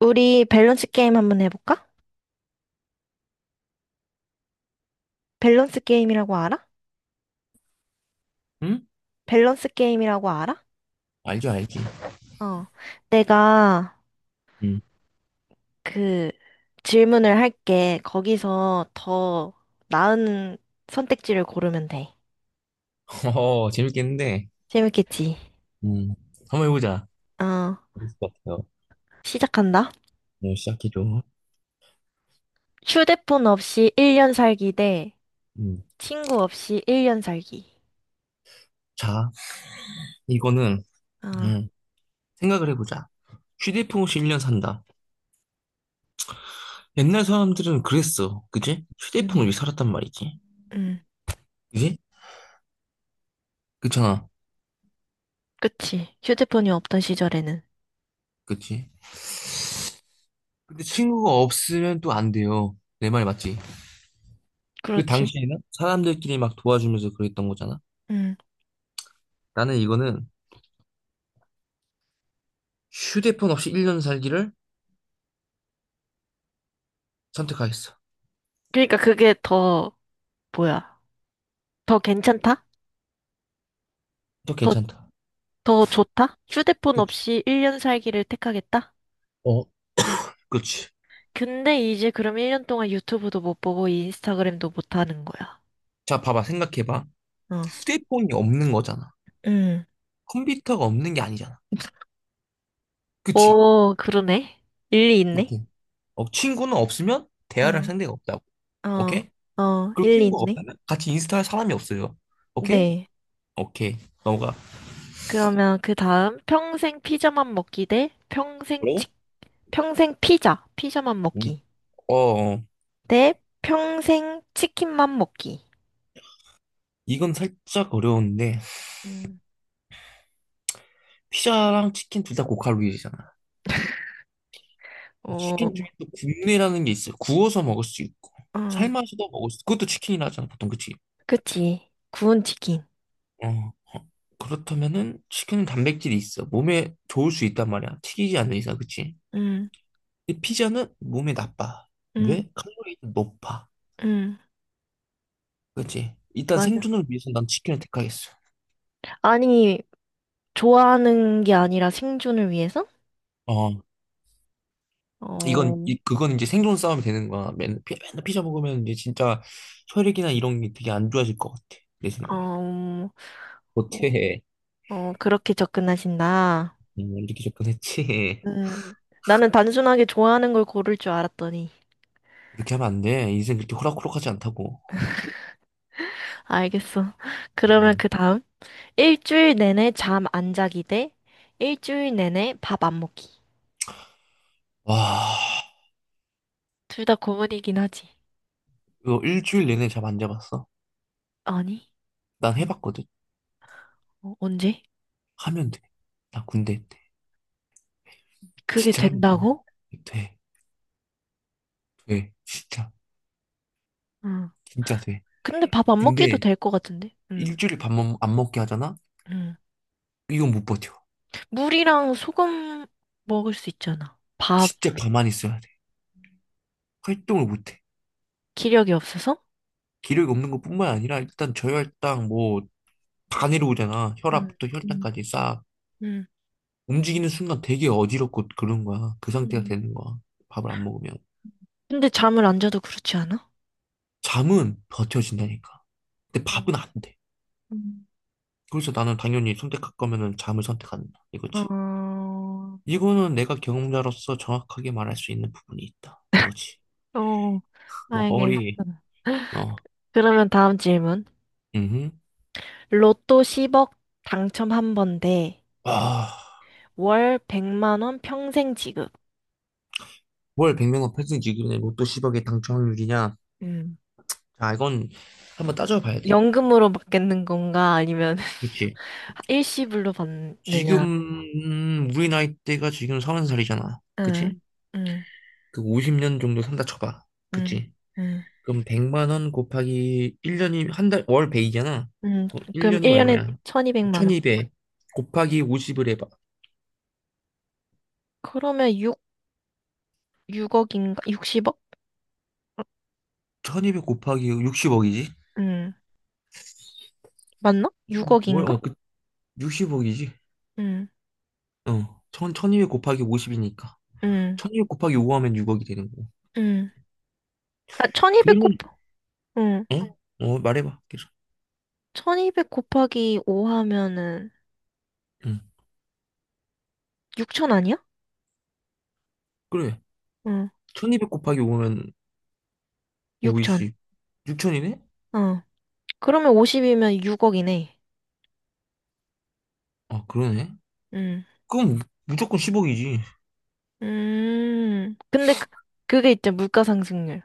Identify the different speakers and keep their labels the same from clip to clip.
Speaker 1: 우리 밸런스 게임 한번 해볼까? 밸런스 게임이라고 알아?
Speaker 2: 응?
Speaker 1: 밸런스 게임이라고 알아?
Speaker 2: 알죠, 알지.
Speaker 1: 어. 내가
Speaker 2: 응.
Speaker 1: 그 질문을 할게. 거기서 더 나은 선택지를 고르면 돼.
Speaker 2: 어, 재밌겠는데.
Speaker 1: 재밌겠지?
Speaker 2: 음. 한번 해보자.
Speaker 1: 어.
Speaker 2: 재밌을 것 같아요.
Speaker 1: 시작한다.
Speaker 2: 네, 시작해줘.
Speaker 1: 휴대폰 없이 1년 살기 대
Speaker 2: 음.
Speaker 1: 친구 없이 1년 살기.
Speaker 2: 자, 이거는,
Speaker 1: 아
Speaker 2: 음, 생각을 해보자. 휴대폰 없이 1년 산다. 옛날 사람들은 그랬어. 그지? 휴대폰
Speaker 1: 음.
Speaker 2: 없이 살았단 말이지.
Speaker 1: 음.
Speaker 2: 그지? 그잖아. 렇
Speaker 1: 그치. 휴대폰이 없던 시절에는.
Speaker 2: 그치? 근데 친구가 없으면 또 안 돼요. 내 말 맞지? 그
Speaker 1: 그렇지.
Speaker 2: 당시에는 사람들끼리 막 도와주면서 그랬던 거잖아.
Speaker 1: 음.
Speaker 2: 나는 이거는 휴대폰 없이 1년 살기를 선택하겠어.
Speaker 1: 그러니까 그게 더 뭐야? 더 괜찮다?
Speaker 2: 또
Speaker 1: 더
Speaker 2: 괜찮다.
Speaker 1: 더 좋다? 휴대폰
Speaker 2: 그치?
Speaker 1: 없이 1년 살기를 택하겠다?
Speaker 2: 어, 그렇지.
Speaker 1: 근데 이제 그럼 1년 동안 유튜브도 못 보고 인스타그램도 못 하는 거야.
Speaker 2: 자, 봐봐, 생각해봐.
Speaker 1: 어.
Speaker 2: 휴대폰이 없는 거잖아.
Speaker 1: 음.
Speaker 2: 컴퓨터가 없는 게 아니잖아. 그치?
Speaker 1: 오, 그러네. 일리 있네.
Speaker 2: 오케이. 어, 친구는 없으면 대화를 할
Speaker 1: 어,
Speaker 2: 상대가 없다고.
Speaker 1: 어,
Speaker 2: 오케이?
Speaker 1: 어,
Speaker 2: 그리고
Speaker 1: 일리
Speaker 2: 친구가
Speaker 1: 있네.
Speaker 2: 없다면 같이 인스타 할 사람이 없어요. 오케이?
Speaker 1: 네.
Speaker 2: 오케이. 넘어가.
Speaker 1: 그러면 그 다음. 평생 피자만 먹기 대
Speaker 2: 그리고?
Speaker 1: 피자만
Speaker 2: 음,
Speaker 1: 먹기
Speaker 2: 어, 어.
Speaker 1: 대 평생 치킨만 먹기.
Speaker 2: 이건 살짝 어려운데,
Speaker 1: 음.
Speaker 2: 피자랑 치킨 둘 다 고칼로리잖아.
Speaker 1: 어,
Speaker 2: 치킨 중에 또 굽내라는 게 있어요. 구워서 먹을 수 있고,
Speaker 1: 어,
Speaker 2: 삶아서도 먹을 수 있고, 그것도 치킨이라 하잖아, 보통. 그치?
Speaker 1: 그치. 구운 치킨.
Speaker 2: 어, 어, 그렇다면은 치킨은 단백질이 있어. 몸에 좋을 수 있단 말이야. 튀기지 않는 이상, 그치?
Speaker 1: 음,
Speaker 2: 근데 피자는 몸에 나빠.
Speaker 1: 음.
Speaker 2: 왜? 칼로리도 높아.
Speaker 1: 응,
Speaker 2: 그치? 일단
Speaker 1: 맞아.
Speaker 2: 생존을 위해서 난 치킨을 택하겠어.
Speaker 1: 아니, 좋아하는 게 아니라 생존을 위해서?
Speaker 2: 어,
Speaker 1: 어,
Speaker 2: 그건 이제 생존 싸움이 되는 거야. 맨날 피자 먹으면 이제 진짜 혈액이나 이런 게 되게 안 좋아질 것 같아. 내 생각에.
Speaker 1: 어,
Speaker 2: 못해.
Speaker 1: 어, 그렇게 접근하신다.
Speaker 2: 이렇게 접근했지.
Speaker 1: 음, 나는 단순하게 좋아하는 걸 고를 줄 알았더니.
Speaker 2: 그렇게 하면 안 돼. 인생 그렇게 호락호락하지 않다고.
Speaker 1: 알겠어. 그러면
Speaker 2: 음.
Speaker 1: 그 다음. 일주일 내내 잠 안 자기 대 일주일 내내 밥 안 먹기.
Speaker 2: 와,
Speaker 1: 둘 다 고문이긴 하지.
Speaker 2: 이거 일주일 내내 잠 안 자봤어?
Speaker 1: 아니,
Speaker 2: 난 해봤거든.
Speaker 1: 어, 언제?
Speaker 2: 하면 돼. 나 군대 때대
Speaker 1: 그게
Speaker 2: 진짜 하면
Speaker 1: 된다고?
Speaker 2: 돼. 돼. 돼. 진짜.
Speaker 1: 응.
Speaker 2: 진짜 돼.
Speaker 1: 근데 밥 안 먹기도
Speaker 2: 근데
Speaker 1: 될 것 같은데? 응,
Speaker 2: 일주일 밥안 먹게 하잖아?
Speaker 1: 응.
Speaker 2: 이건 못 버텨.
Speaker 1: 물이랑 소금 먹을 수 있잖아.
Speaker 2: 진짜 가만히 있어야 돼. 활동을 못 해.
Speaker 1: 기력이 없어서?
Speaker 2: 기력이 없는 것뿐만 아니라 일단 저혈당 뭐 다 내려오잖아.
Speaker 1: 음,
Speaker 2: 혈압부터
Speaker 1: 음,
Speaker 2: 혈당까지 싹.
Speaker 1: 음.
Speaker 2: 움직이는 순간 되게 어지럽고 그런 거야. 그 상태가
Speaker 1: 음,
Speaker 2: 되는 거야. 밥을 안 먹으면.
Speaker 1: 근데 잠을 안 자도 그렇지 않아?
Speaker 2: 잠은 버텨진다니까. 근데
Speaker 1: 어,
Speaker 2: 밥은 안 돼.
Speaker 1: 음.
Speaker 2: 그래서 나는 당연히 선택할 거면은 잠을 선택한다. 이거지.
Speaker 1: 어,
Speaker 2: 이거는 내가 경험자로서 정확하게 말할 수 있는 부분이 있다. 이거지.
Speaker 1: 어,
Speaker 2: 뭐,
Speaker 1: 알겠어.
Speaker 2: 거리, 어,
Speaker 1: 그러면 다음 질문.
Speaker 2: 음,
Speaker 1: 로또 10억 당첨 한 번대
Speaker 2: 아,
Speaker 1: 월 100만 원 평생 지급.
Speaker 2: 월 100명 은 편승 지급의 로또 10억의 당첨 확률이냐?
Speaker 1: 음.
Speaker 2: 자, 이건 한번 따져봐야 돼.
Speaker 1: 연금으로 받겠는 건가? 아니면
Speaker 2: 그치?
Speaker 1: 일시불로
Speaker 2: 지금,
Speaker 1: 받느냐?
Speaker 2: 우리 나이대가 지금 서른 살이잖아 그치?
Speaker 1: 응. 응,
Speaker 2: 그 50년 정도 산다 쳐봐.
Speaker 1: 응,
Speaker 2: 그치?
Speaker 1: 응,
Speaker 2: 그럼 100만 원 곱하기 1년이, 한 달, 월배이잖아
Speaker 1: 응. 그럼
Speaker 2: 1년이면
Speaker 1: 1년에
Speaker 2: 얼마야?
Speaker 1: 1200만 원.
Speaker 2: 1200 곱하기 50을 해봐.
Speaker 1: 그러면 6억인가? 60억?
Speaker 2: 1200 곱하기 60억이지?
Speaker 1: 응. 맞나?
Speaker 2: 뭘, 어,
Speaker 1: 6억인가?
Speaker 2: 그, 60억이지.
Speaker 1: 응.
Speaker 2: 1200 곱하기 50이니까.
Speaker 1: 응.
Speaker 2: 1200 곱하기 5 하면 6억이 되는 거고.
Speaker 1: 응. 아, 1200곱
Speaker 2: 그러면,
Speaker 1: 응.
Speaker 2: 어? 어, 말해봐, 계속.
Speaker 1: 1200 곱하기 5 하면은
Speaker 2: 응,
Speaker 1: 6000 아니야?
Speaker 2: 그래.
Speaker 1: 응.
Speaker 2: 1200 곱하기 5면 5이
Speaker 1: 6000.
Speaker 2: 0 6천이네
Speaker 1: 어. 그러면 50이면 6억이네.
Speaker 2: 아, 그러네.
Speaker 1: 응.
Speaker 2: 그럼 무조건 10억이지.
Speaker 1: 음. 근데 그게 있잖아. 물가 상승률.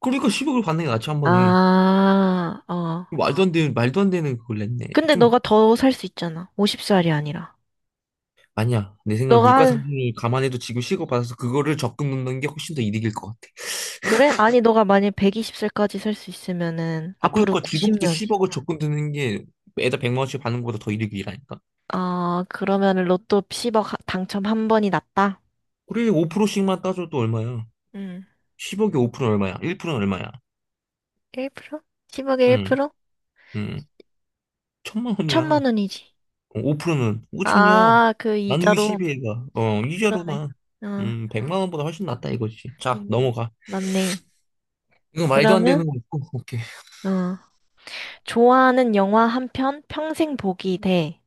Speaker 2: 그러니까 10억을 받는 게 낫지, 한 번에.
Speaker 1: 아, 어.
Speaker 2: 말도 안 되는, 말도 안 되는 그걸 냈네.
Speaker 1: 근데
Speaker 2: 좀,
Speaker 1: 너가 더 살 수 있잖아. 50살이 아니라.
Speaker 2: 아니야. 내 생각에
Speaker 1: 너가
Speaker 2: 물가
Speaker 1: 한,
Speaker 2: 상승을 감안해도 지금 10억 받아서 그거를 적금 넣는 게 훨씬 더 이득일 것 같아.
Speaker 1: 그래? 아니, 너가 만약 120살까지 살 수 있으면은,
Speaker 2: 아,
Speaker 1: 앞으로
Speaker 2: 그러니까 지금부터
Speaker 1: 90년,
Speaker 2: 10억을 적금 드는 게 매달 100만 원씩 받는 것보다 더 이득이라니까.
Speaker 1: 어, 그러면 로또 10억 당첨 한 번이 났다?
Speaker 2: 그래, 5%씩만 따져도 얼마야?
Speaker 1: 응.
Speaker 2: 10억에 5%는 얼마야? 1%는 얼마야?
Speaker 1: 1%? 10억에
Speaker 2: 응,
Speaker 1: 1%?
Speaker 2: 응. 천만
Speaker 1: 천만
Speaker 2: 원이야.
Speaker 1: 원이지.
Speaker 2: 5%는 5천이야.
Speaker 1: 아, 그
Speaker 2: 나누기 1
Speaker 1: 이자로.
Speaker 2: 2이가
Speaker 1: 그러네.
Speaker 2: 이자로만.
Speaker 1: 어,
Speaker 2: 100만 원보다 훨씬 낫다 이거지. 자,
Speaker 1: 음,
Speaker 2: 넘어가.
Speaker 1: 맞네.
Speaker 2: 이거 말도 안 되는
Speaker 1: 그러면,
Speaker 2: 거 있고, 오케이.
Speaker 1: 어, 좋아하는 영화 한 편 평생 보기 대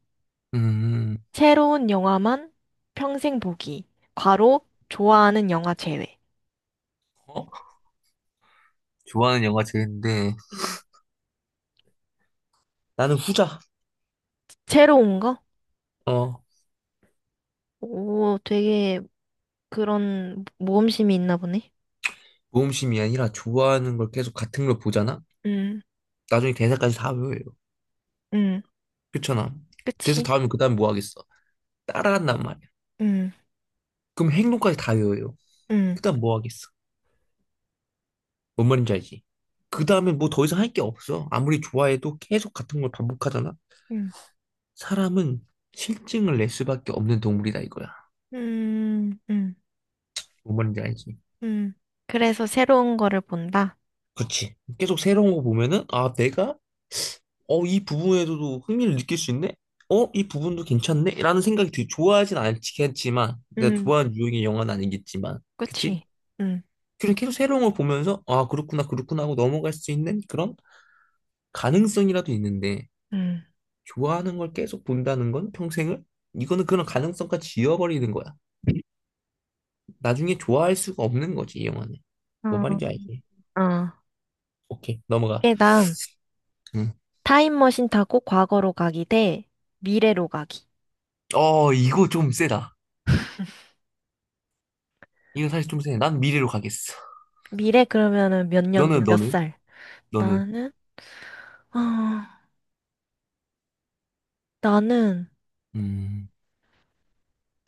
Speaker 2: 음,
Speaker 1: 새로운 영화만 평생 보기. 괄호, 좋아하는 영화 제외.
Speaker 2: 어? 좋아하는 영화 제인데
Speaker 1: 응.
Speaker 2: 나는 후자.
Speaker 1: 새로운 거?
Speaker 2: 어,
Speaker 1: 오, 되게 그런 모험심이 있나 보네.
Speaker 2: 모험심이 아니라 좋아하는 걸 계속 같은 걸 보잖아?
Speaker 1: 응.
Speaker 2: 나중에 대사까지 다 외워요.
Speaker 1: 응.
Speaker 2: 그렇잖아. 대사
Speaker 1: 그치?
Speaker 2: 다 외우면 그 다음 뭐 하겠어? 따라한단 말이야.
Speaker 1: 응.
Speaker 2: 그럼 행동까지 다 외워요.
Speaker 1: 음,
Speaker 2: 그다음 뭐 하겠어? 뭔 말인지 알지? 그 다음에 뭐 더 이상 할 게 없어. 아무리 좋아해도 계속 같은 걸 반복하잖아?
Speaker 1: 음,
Speaker 2: 사람은 실증을 낼 수밖에 없는 동물이다 이거야.
Speaker 1: 음, 음,
Speaker 2: 뭔 말인지 알지?
Speaker 1: 음. 그래서 새로운 거를 본다?
Speaker 2: 그렇지. 계속 새로운 거 보면은, 아, 이 부분에서도 흥미를 느낄 수 있네? 어, 이 부분도 괜찮네? 라는 생각이 좋아하진 않겠지만, 내가
Speaker 1: 음,
Speaker 2: 좋아하는 유형의 영화는 아니겠지만, 그치?
Speaker 1: 그치. 음,
Speaker 2: 그냥 계속 새로운 걸 보면서, 아, 그렇구나, 그렇구나 하고 넘어갈 수 있는 그런 가능성이라도 있는데,
Speaker 1: 음.
Speaker 2: 좋아하는 걸 계속 본다는 건 평생을? 이거는 그런 가능성까지 지워버리는 거야. 나중에 좋아할 수가 없는 거지, 이 영화는. 뭐
Speaker 1: 어,
Speaker 2: 말인지 알지?
Speaker 1: 어.
Speaker 2: 오케이, 넘어가.
Speaker 1: 그 다음,
Speaker 2: 음.
Speaker 1: 타임머신 타고 과거로 가기 대 미래로 가기.
Speaker 2: 이거 좀 세다. 이거 사실 좀 세. 난 미래로 가겠어.
Speaker 1: 미래 그러면은 몇 년도, 몇
Speaker 2: 너는?
Speaker 1: 살?
Speaker 2: 너는?
Speaker 1: 나는, 아, 나는
Speaker 2: 음,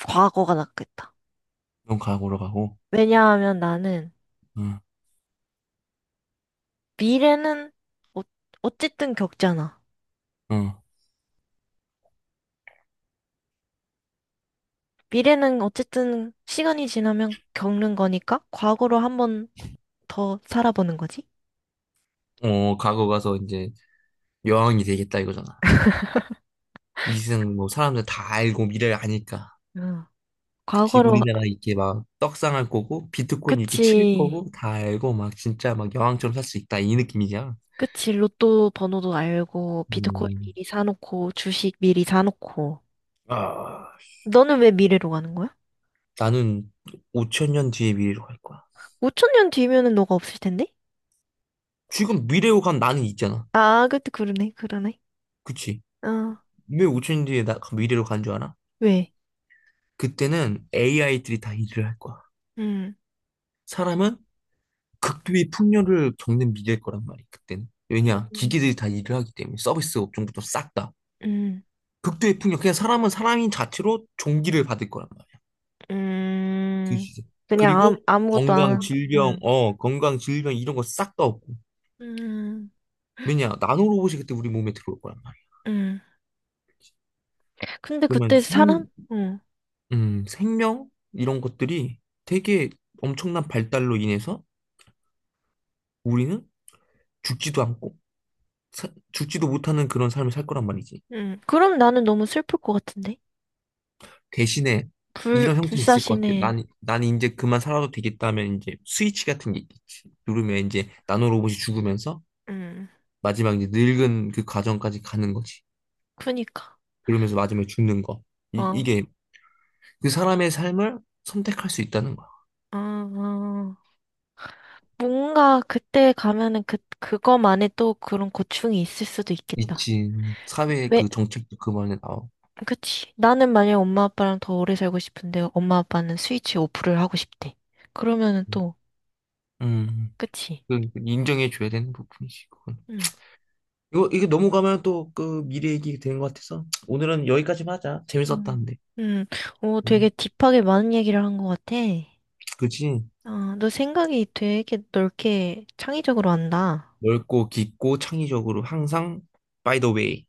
Speaker 1: 과거가 낫겠다.
Speaker 2: 넌 과거로 가고,
Speaker 1: 왜냐하면 나는
Speaker 2: 응,
Speaker 1: 미래는 어, 어쨌든 겪잖아.
Speaker 2: 응.
Speaker 1: 미래는 어쨌든 시간이 지나면 겪는 거니까 과거로 한번 더 살아보는 거지?
Speaker 2: 과거 가서 이제 여왕이 되겠다 이거잖아. 이승 뭐 사람들 다 알고 미래를 아니까.
Speaker 1: 응.
Speaker 2: 그치,
Speaker 1: 과거로,
Speaker 2: 우리나라 이게 막 떡상할 거고, 비트코인 이렇게 칠
Speaker 1: 그치.
Speaker 2: 거고, 다 알고 막 진짜 막 여왕처럼 살 수 있다. 이 느낌이잖아.
Speaker 1: 그치. 로또 번호도 알고, 비트코인
Speaker 2: 음,
Speaker 1: 미리 사놓고, 주식 미리 사놓고.
Speaker 2: 아,
Speaker 1: 너는 왜 미래로 가는 거야?
Speaker 2: 나는 5천 년 뒤의 미래로 갈 거야.
Speaker 1: 5천년 뒤면은 너가 없을 텐데?
Speaker 2: 지금 미래로 간 나는 있잖아.
Speaker 1: 아, 그때 그러네, 그러네.
Speaker 2: 그치?
Speaker 1: 어,
Speaker 2: 왜 5천 년 뒤에 나 미래로 간 줄 알아?
Speaker 1: 왜?
Speaker 2: 그때는 AI들이 다 일을 할 거야.
Speaker 1: 응.
Speaker 2: 사람은 극도의 풍요를 겪는 미래일 거란 말이야, 그때는. 왜냐?
Speaker 1: 음,
Speaker 2: 기계들이 다 일을 하기 때문에 서비스 업종부터 싹 다.
Speaker 1: 음,
Speaker 2: 극도의 풍요. 그냥 사람은 사람인 자체로 종기를 받을 거란 말이야. 그
Speaker 1: 음,
Speaker 2: 시세.
Speaker 1: 그냥
Speaker 2: 그리고
Speaker 1: 아무것도 안, 한-
Speaker 2: 건강 질병 이런 거 싹 다 없고.
Speaker 1: 음,
Speaker 2: 왜냐, 나노로봇이 그때 우리 몸에 들어올 거란 말이야.
Speaker 1: 음, 근데
Speaker 2: 그러면
Speaker 1: 그때 사람? 음.
Speaker 2: 생명 이런 것들이 되게 엄청난 발달로 인해서 우리는 죽지도 않고 죽지도 못하는 그런 삶을 살 거란 말이지.
Speaker 1: 그럼 나는 너무 슬플 것 같은데?
Speaker 2: 대신에
Speaker 1: 불,
Speaker 2: 이런 형태는 있을 것 같아.
Speaker 1: 불사신의,
Speaker 2: 난 이제 그만 살아도 되겠다면 이제 스위치 같은 게 있겠지. 누르면 이제 나노로봇이 죽으면서
Speaker 1: 음.
Speaker 2: 마지막 이제 늙은 그 과정까지 가는 거지.
Speaker 1: 그니까.
Speaker 2: 그러면서 마지막에 죽는 거. 이,
Speaker 1: 어,
Speaker 2: 이게 그 사람의 삶을 선택할 수 있다는 거야.
Speaker 1: 아, 아. 뭔가 그때 가면은 그거만의 또 그런 고충이 있을 수도 있겠다.
Speaker 2: 미친 사회의
Speaker 1: 왜,
Speaker 2: 그 정책도 그만에 나오고.
Speaker 1: 그치. 나는 만약에 엄마 아빠랑 더 오래 살고 싶은데 엄마 아빠는 스위치 오프를 하고 싶대. 그러면은 또,
Speaker 2: 음,
Speaker 1: 그치.
Speaker 2: 그 인정해줘야 되는 부분이지, 그건.
Speaker 1: 응.
Speaker 2: 이게 넘어가면 또 그 미래 얘기 되는 것 같아서 오늘은 여기까지만 하자. 재밌었다,
Speaker 1: 음.
Speaker 2: 근데.
Speaker 1: 음, 오, 되게
Speaker 2: 음,
Speaker 1: 딥하게 많은 얘기를 한 것 같아.
Speaker 2: 그치.
Speaker 1: 어, 너 생각이 되게 넓게 창의적으로 한다.
Speaker 2: 넓고 깊고 창의적으로 항상 by the way.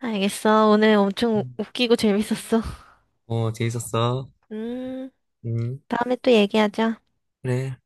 Speaker 1: 알겠어. 오늘 엄청
Speaker 2: 음,
Speaker 1: 웃기고 재밌었어.
Speaker 2: 재밌었어.
Speaker 1: 음,
Speaker 2: 음,
Speaker 1: 다음에 또 얘기하자.
Speaker 2: 그래.